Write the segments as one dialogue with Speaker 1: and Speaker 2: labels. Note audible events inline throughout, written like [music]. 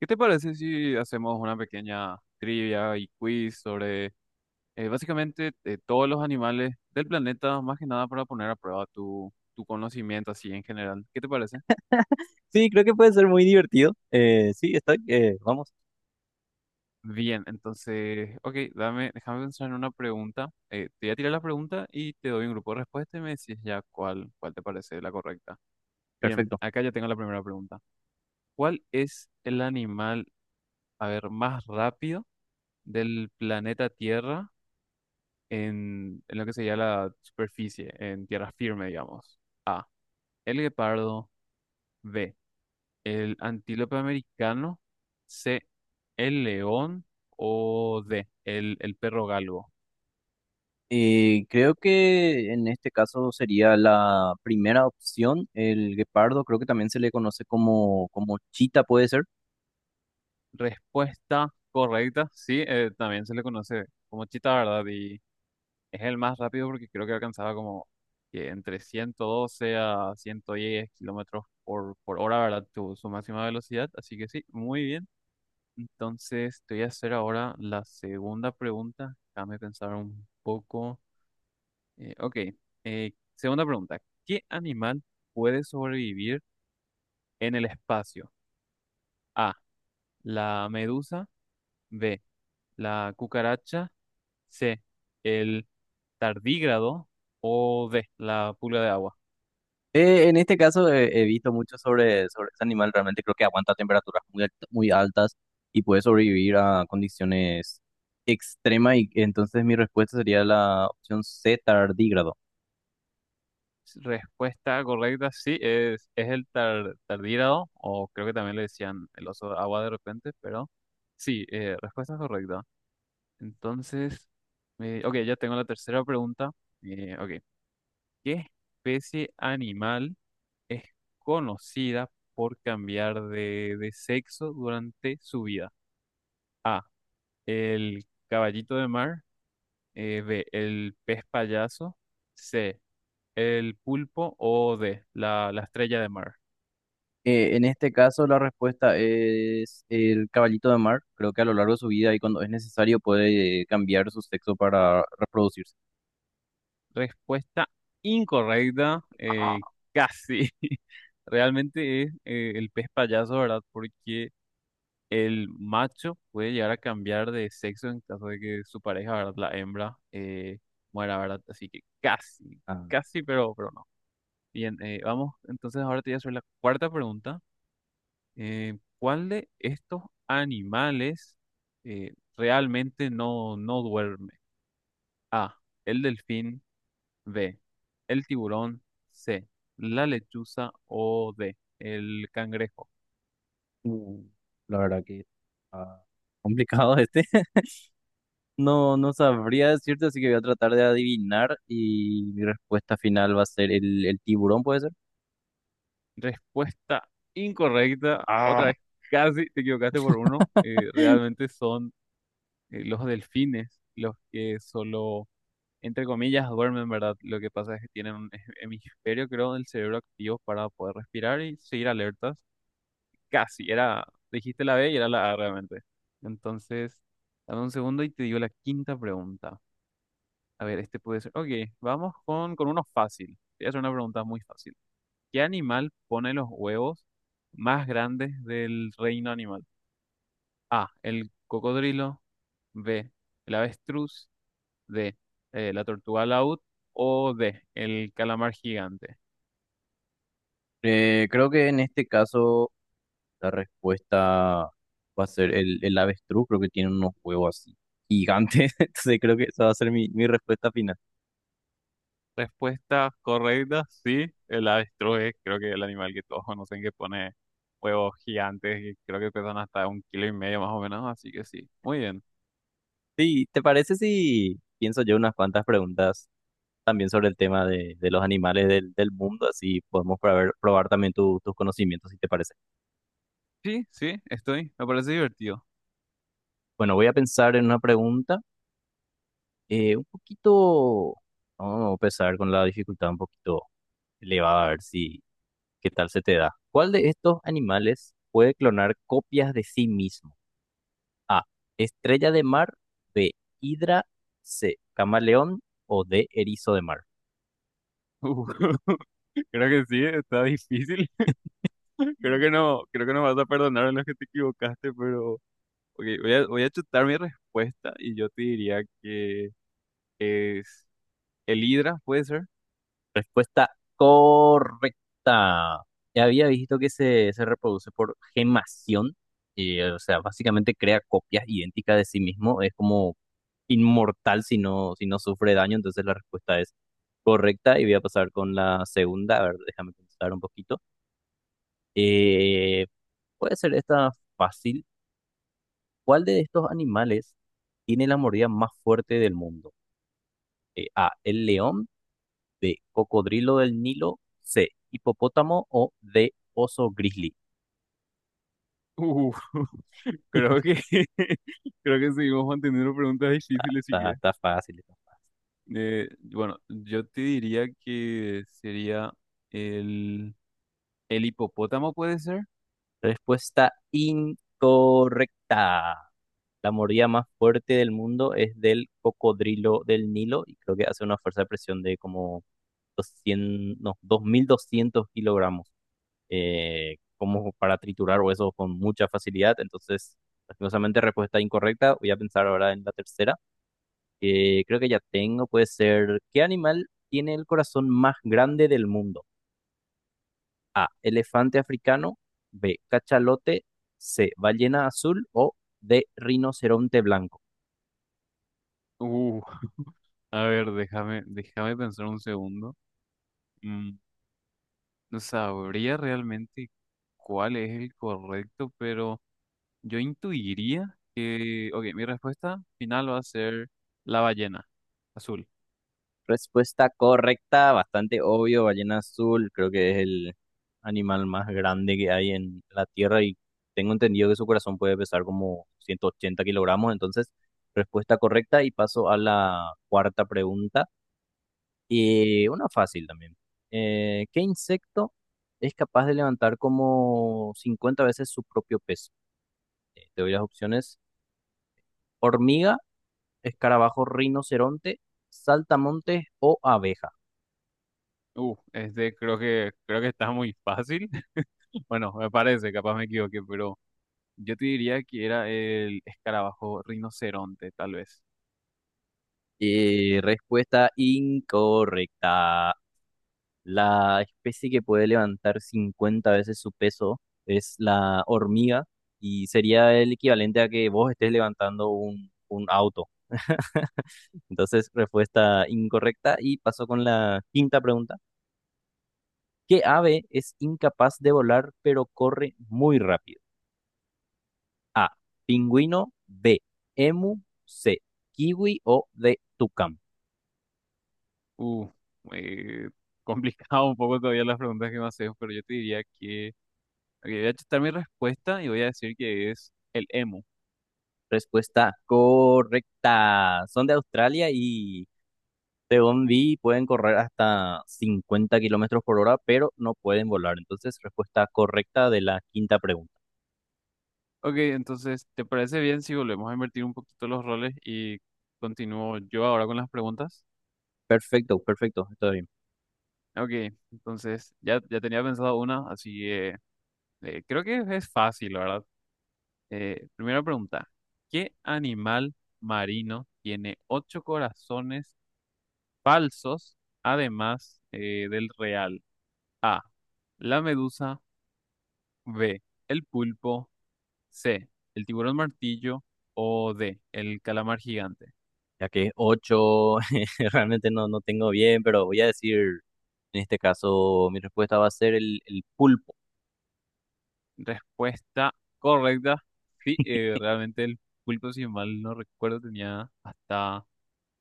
Speaker 1: ¿Qué te parece si hacemos una pequeña trivia y quiz sobre básicamente todos los animales del planeta, más que nada para poner a prueba tu conocimiento así en general? ¿Qué te parece?
Speaker 2: Sí, creo que puede ser muy divertido. Sí, vamos,
Speaker 1: Bien, entonces, ok, déjame pensar en una pregunta. Te voy a tirar la pregunta y te doy un grupo de respuestas y me decís ya cuál te parece la correcta. Bien,
Speaker 2: perfecto.
Speaker 1: acá ya tengo la primera pregunta. ¿Cuál es el animal, a ver, más rápido del planeta Tierra? En lo que sería la superficie, en tierra firme, digamos. A. El guepardo. B. El antílope americano. C. El león. O D. El perro galgo.
Speaker 2: Creo que en este caso sería la primera opción, el guepardo, creo que también se le conoce como chita, puede ser.
Speaker 1: Respuesta correcta. Sí, también se le conoce como chita, ¿verdad? Y es el más rápido porque creo que alcanzaba como que entre 112 a 110 kilómetros por hora, ¿verdad? Su máxima velocidad. Así que sí, muy bien. Entonces, te voy a hacer ahora la segunda pregunta. Déjame pensar un poco. Ok, segunda pregunta. ¿Qué animal puede sobrevivir en el espacio? A, la medusa. B, la cucaracha. C, el tardígrado. O D, la pulga de agua.
Speaker 2: En este caso he visto mucho sobre este animal, realmente creo que aguanta temperaturas muy altas y puede sobrevivir a condiciones extremas, y entonces mi respuesta sería la opción C, tardígrado.
Speaker 1: Respuesta correcta, sí, es el tardígrado, o creo que también le decían el oso de agua de repente, pero sí, respuesta correcta. Entonces, ok, ya tengo la tercera pregunta. Ok, ¿qué especie animal es conocida por cambiar de sexo durante su vida? A, el caballito de mar, B, el pez payaso, C, el pulpo o D, la estrella de mar.
Speaker 2: En este caso, la respuesta es el caballito de mar. Creo que a lo largo de su vida y cuando es necesario puede cambiar su sexo para reproducirse.
Speaker 1: Respuesta incorrecta,
Speaker 2: Ah.
Speaker 1: casi. [laughs] Realmente es el pez payaso, ¿verdad? Porque el macho puede llegar a cambiar de sexo en caso de que su pareja, ¿verdad? La hembra muera, ¿verdad? Así que casi,
Speaker 2: Ah,
Speaker 1: casi, pero no. Bien, vamos, entonces ahora te voy a hacer la cuarta pregunta. ¿Cuál de estos animales realmente no, no duerme? A, el delfín, B, el tiburón, C, la lechuza o D, el cangrejo.
Speaker 2: uh, la verdad que ah, complicado este. [laughs] No, no sabría decirte, así que voy a tratar de adivinar y mi respuesta final va a ser el tiburón, ¿puede ser?
Speaker 1: Respuesta incorrecta. Otra
Speaker 2: Ah.
Speaker 1: vez, casi te equivocaste por uno.
Speaker 2: [laughs]
Speaker 1: Realmente son los delfines los que solo, entre comillas, duermen, ¿verdad? Lo que pasa es que tienen un hemisferio, creo, del cerebro activo para poder respirar y seguir alertas. Casi, era, dijiste la B y era la A realmente. Entonces, dame un segundo y te digo la quinta pregunta. A ver, este puede ser. Ok, vamos con uno fácil. Te voy a hacer una pregunta muy fácil. ¿Qué animal pone los huevos más grandes del reino animal? A. El cocodrilo. B. El avestruz. D. La tortuga laúd. O D. El calamar gigante.
Speaker 2: Creo que en este caso la respuesta va a ser el avestruz, creo que tiene unos huevos así gigantes, [laughs] entonces creo que esa va a ser mi respuesta final.
Speaker 1: Respuesta correcta, sí. El avestruz es creo que el animal que todos conocen que pone huevos gigantes y creo que pesan hasta un kilo y medio más o menos. Así que sí. Muy bien.
Speaker 2: Sí, ¿te parece si pienso yo unas cuantas preguntas también sobre el tema de los animales del mundo? Así podemos probar también tu- tus conocimientos, si te parece.
Speaker 1: Sí, sí, estoy. Me parece divertido.
Speaker 2: Bueno, voy a pensar en una pregunta un poquito, vamos a empezar con la dificultad un poquito elevada, a ver si, qué tal se te da. ¿Cuál de estos animales puede clonar copias de sí mismo? A. Estrella de mar. B. Hidra. C. Camaleón. O D. Erizo de mar.
Speaker 1: [laughs] Uh, [laughs] creo que sí, está difícil. Creo que no vas a perdonar a los que te equivocaste, pero ok, voy a chutar mi respuesta y yo te diría que es el Hidra, ¿puede ser?
Speaker 2: Respuesta correcta. Ya había visto que se reproduce por gemación, y o sea, básicamente crea copias idénticas de sí mismo. Es como inmortal si no sufre daño. Entonces la respuesta es correcta. Y voy a pasar con la segunda. A ver, déjame pensar un poquito. Eh, Puede ser esta fácil. ¿Cuál de estos animales tiene la mordida más fuerte del mundo? A, el león, B, cocodrilo del Nilo, C, hipopótamo o D, oso grizzly.
Speaker 1: Uh, [laughs] creo
Speaker 2: [laughs]
Speaker 1: que [laughs] creo que seguimos manteniendo preguntas difíciles, así
Speaker 2: Está,
Speaker 1: que
Speaker 2: está fácil. Está fácil.
Speaker 1: bueno, yo te diría que sería el el hipopótamo, ¿puede ser?
Speaker 2: Respuesta incorrecta. La mordida más fuerte del mundo es del cocodrilo del Nilo y creo que hace una fuerza de presión de como 200, no, 2.200 kilogramos, como para triturar huesos con mucha facilidad. Entonces, lastimosamente, respuesta incorrecta. Voy a pensar ahora en la tercera, que creo que ya tengo. Puede ser, ¿qué animal tiene el corazón más grande del mundo? A, elefante africano, B, cachalote, C, ballena azul o D, rinoceronte blanco.
Speaker 1: Uh, a ver, déjame pensar un segundo. Mm, no sabría realmente cuál es el correcto, pero yo intuiría que, ok, mi respuesta final va a ser la ballena azul.
Speaker 2: Respuesta correcta, bastante obvio, ballena azul, creo que es el animal más grande que hay en la Tierra y tengo entendido que su corazón puede pesar como 180 kilogramos, entonces respuesta correcta y paso a la cuarta pregunta. Y una fácil también. ¿Qué insecto es capaz de levantar como 50 veces su propio peso? Te doy las opciones: hormiga, escarabajo, rinoceronte, saltamontes o abeja.
Speaker 1: Este creo que está muy fácil. [laughs] Bueno, me parece, capaz me equivoqué, pero yo te diría que era el escarabajo rinoceronte, tal vez.
Speaker 2: Respuesta incorrecta. La especie que puede levantar 50 veces su peso es la hormiga y sería el equivalente a que vos estés levantando un auto. Entonces, respuesta incorrecta y paso con la quinta pregunta. ¿Qué ave es incapaz de volar pero corre muy rápido? A. Pingüino. B. Emu. C. Kiwi o D. Tucán.
Speaker 1: Uh, eh, [laughs] complicado un poco todavía las preguntas que me haces, pero yo te diría que, ok, voy a chutar mi respuesta y voy a decir que es el emu.
Speaker 2: Respuesta correcta. Son de Australia y según vi pueden correr hasta 50 kilómetros por hora, pero no pueden volar. Entonces, respuesta correcta de la quinta pregunta.
Speaker 1: Ok, entonces, ¿te parece bien si volvemos a invertir un poquito los roles y continúo yo ahora con las preguntas?
Speaker 2: Perfecto, perfecto, está bien.
Speaker 1: Ok, entonces ya tenía pensado una, así que creo que es fácil, la ¿verdad? Primera pregunta, ¿qué animal marino tiene ocho corazones falsos además del real? A, la medusa, B, el pulpo, C, el tiburón martillo o D, el calamar gigante.
Speaker 2: Ya que es 8, [laughs] realmente no, no tengo bien, pero voy a decir, en este caso, mi respuesta va a ser el pulpo.
Speaker 1: Respuesta correcta, sí, realmente el pulpo, si mal no recuerdo, tenía hasta...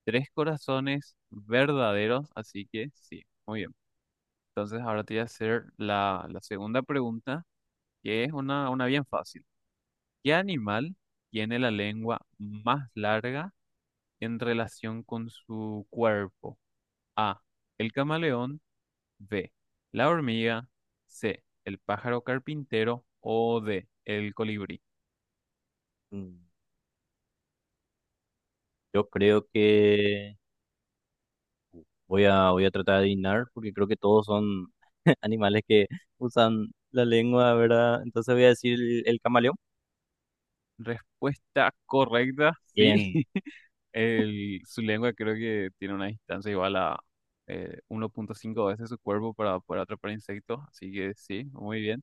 Speaker 1: Tres corazones verdaderos, así que sí, muy bien. Entonces ahora te voy a hacer la segunda pregunta, que es una bien fácil. ¿Qué animal tiene la lengua más larga en relación con su cuerpo? A, el camaleón, B, la hormiga, C, el pájaro carpintero o D, el colibrí.
Speaker 2: Mm, yo creo que voy a, voy a tratar de adivinar porque creo que todos son [laughs] animales que usan la lengua, ¿verdad? Entonces voy a decir el camaleón.
Speaker 1: Respuesta correcta, sí.
Speaker 2: Bien.
Speaker 1: [laughs] Su lengua creo que tiene una distancia igual a 1,5 veces su cuerpo para poder atrapar insectos, así que sí, muy bien.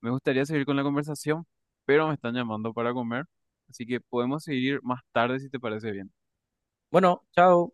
Speaker 1: Me gustaría seguir con la conversación, pero me están llamando para comer, así que podemos seguir más tarde si te parece bien.
Speaker 2: Bueno, chao.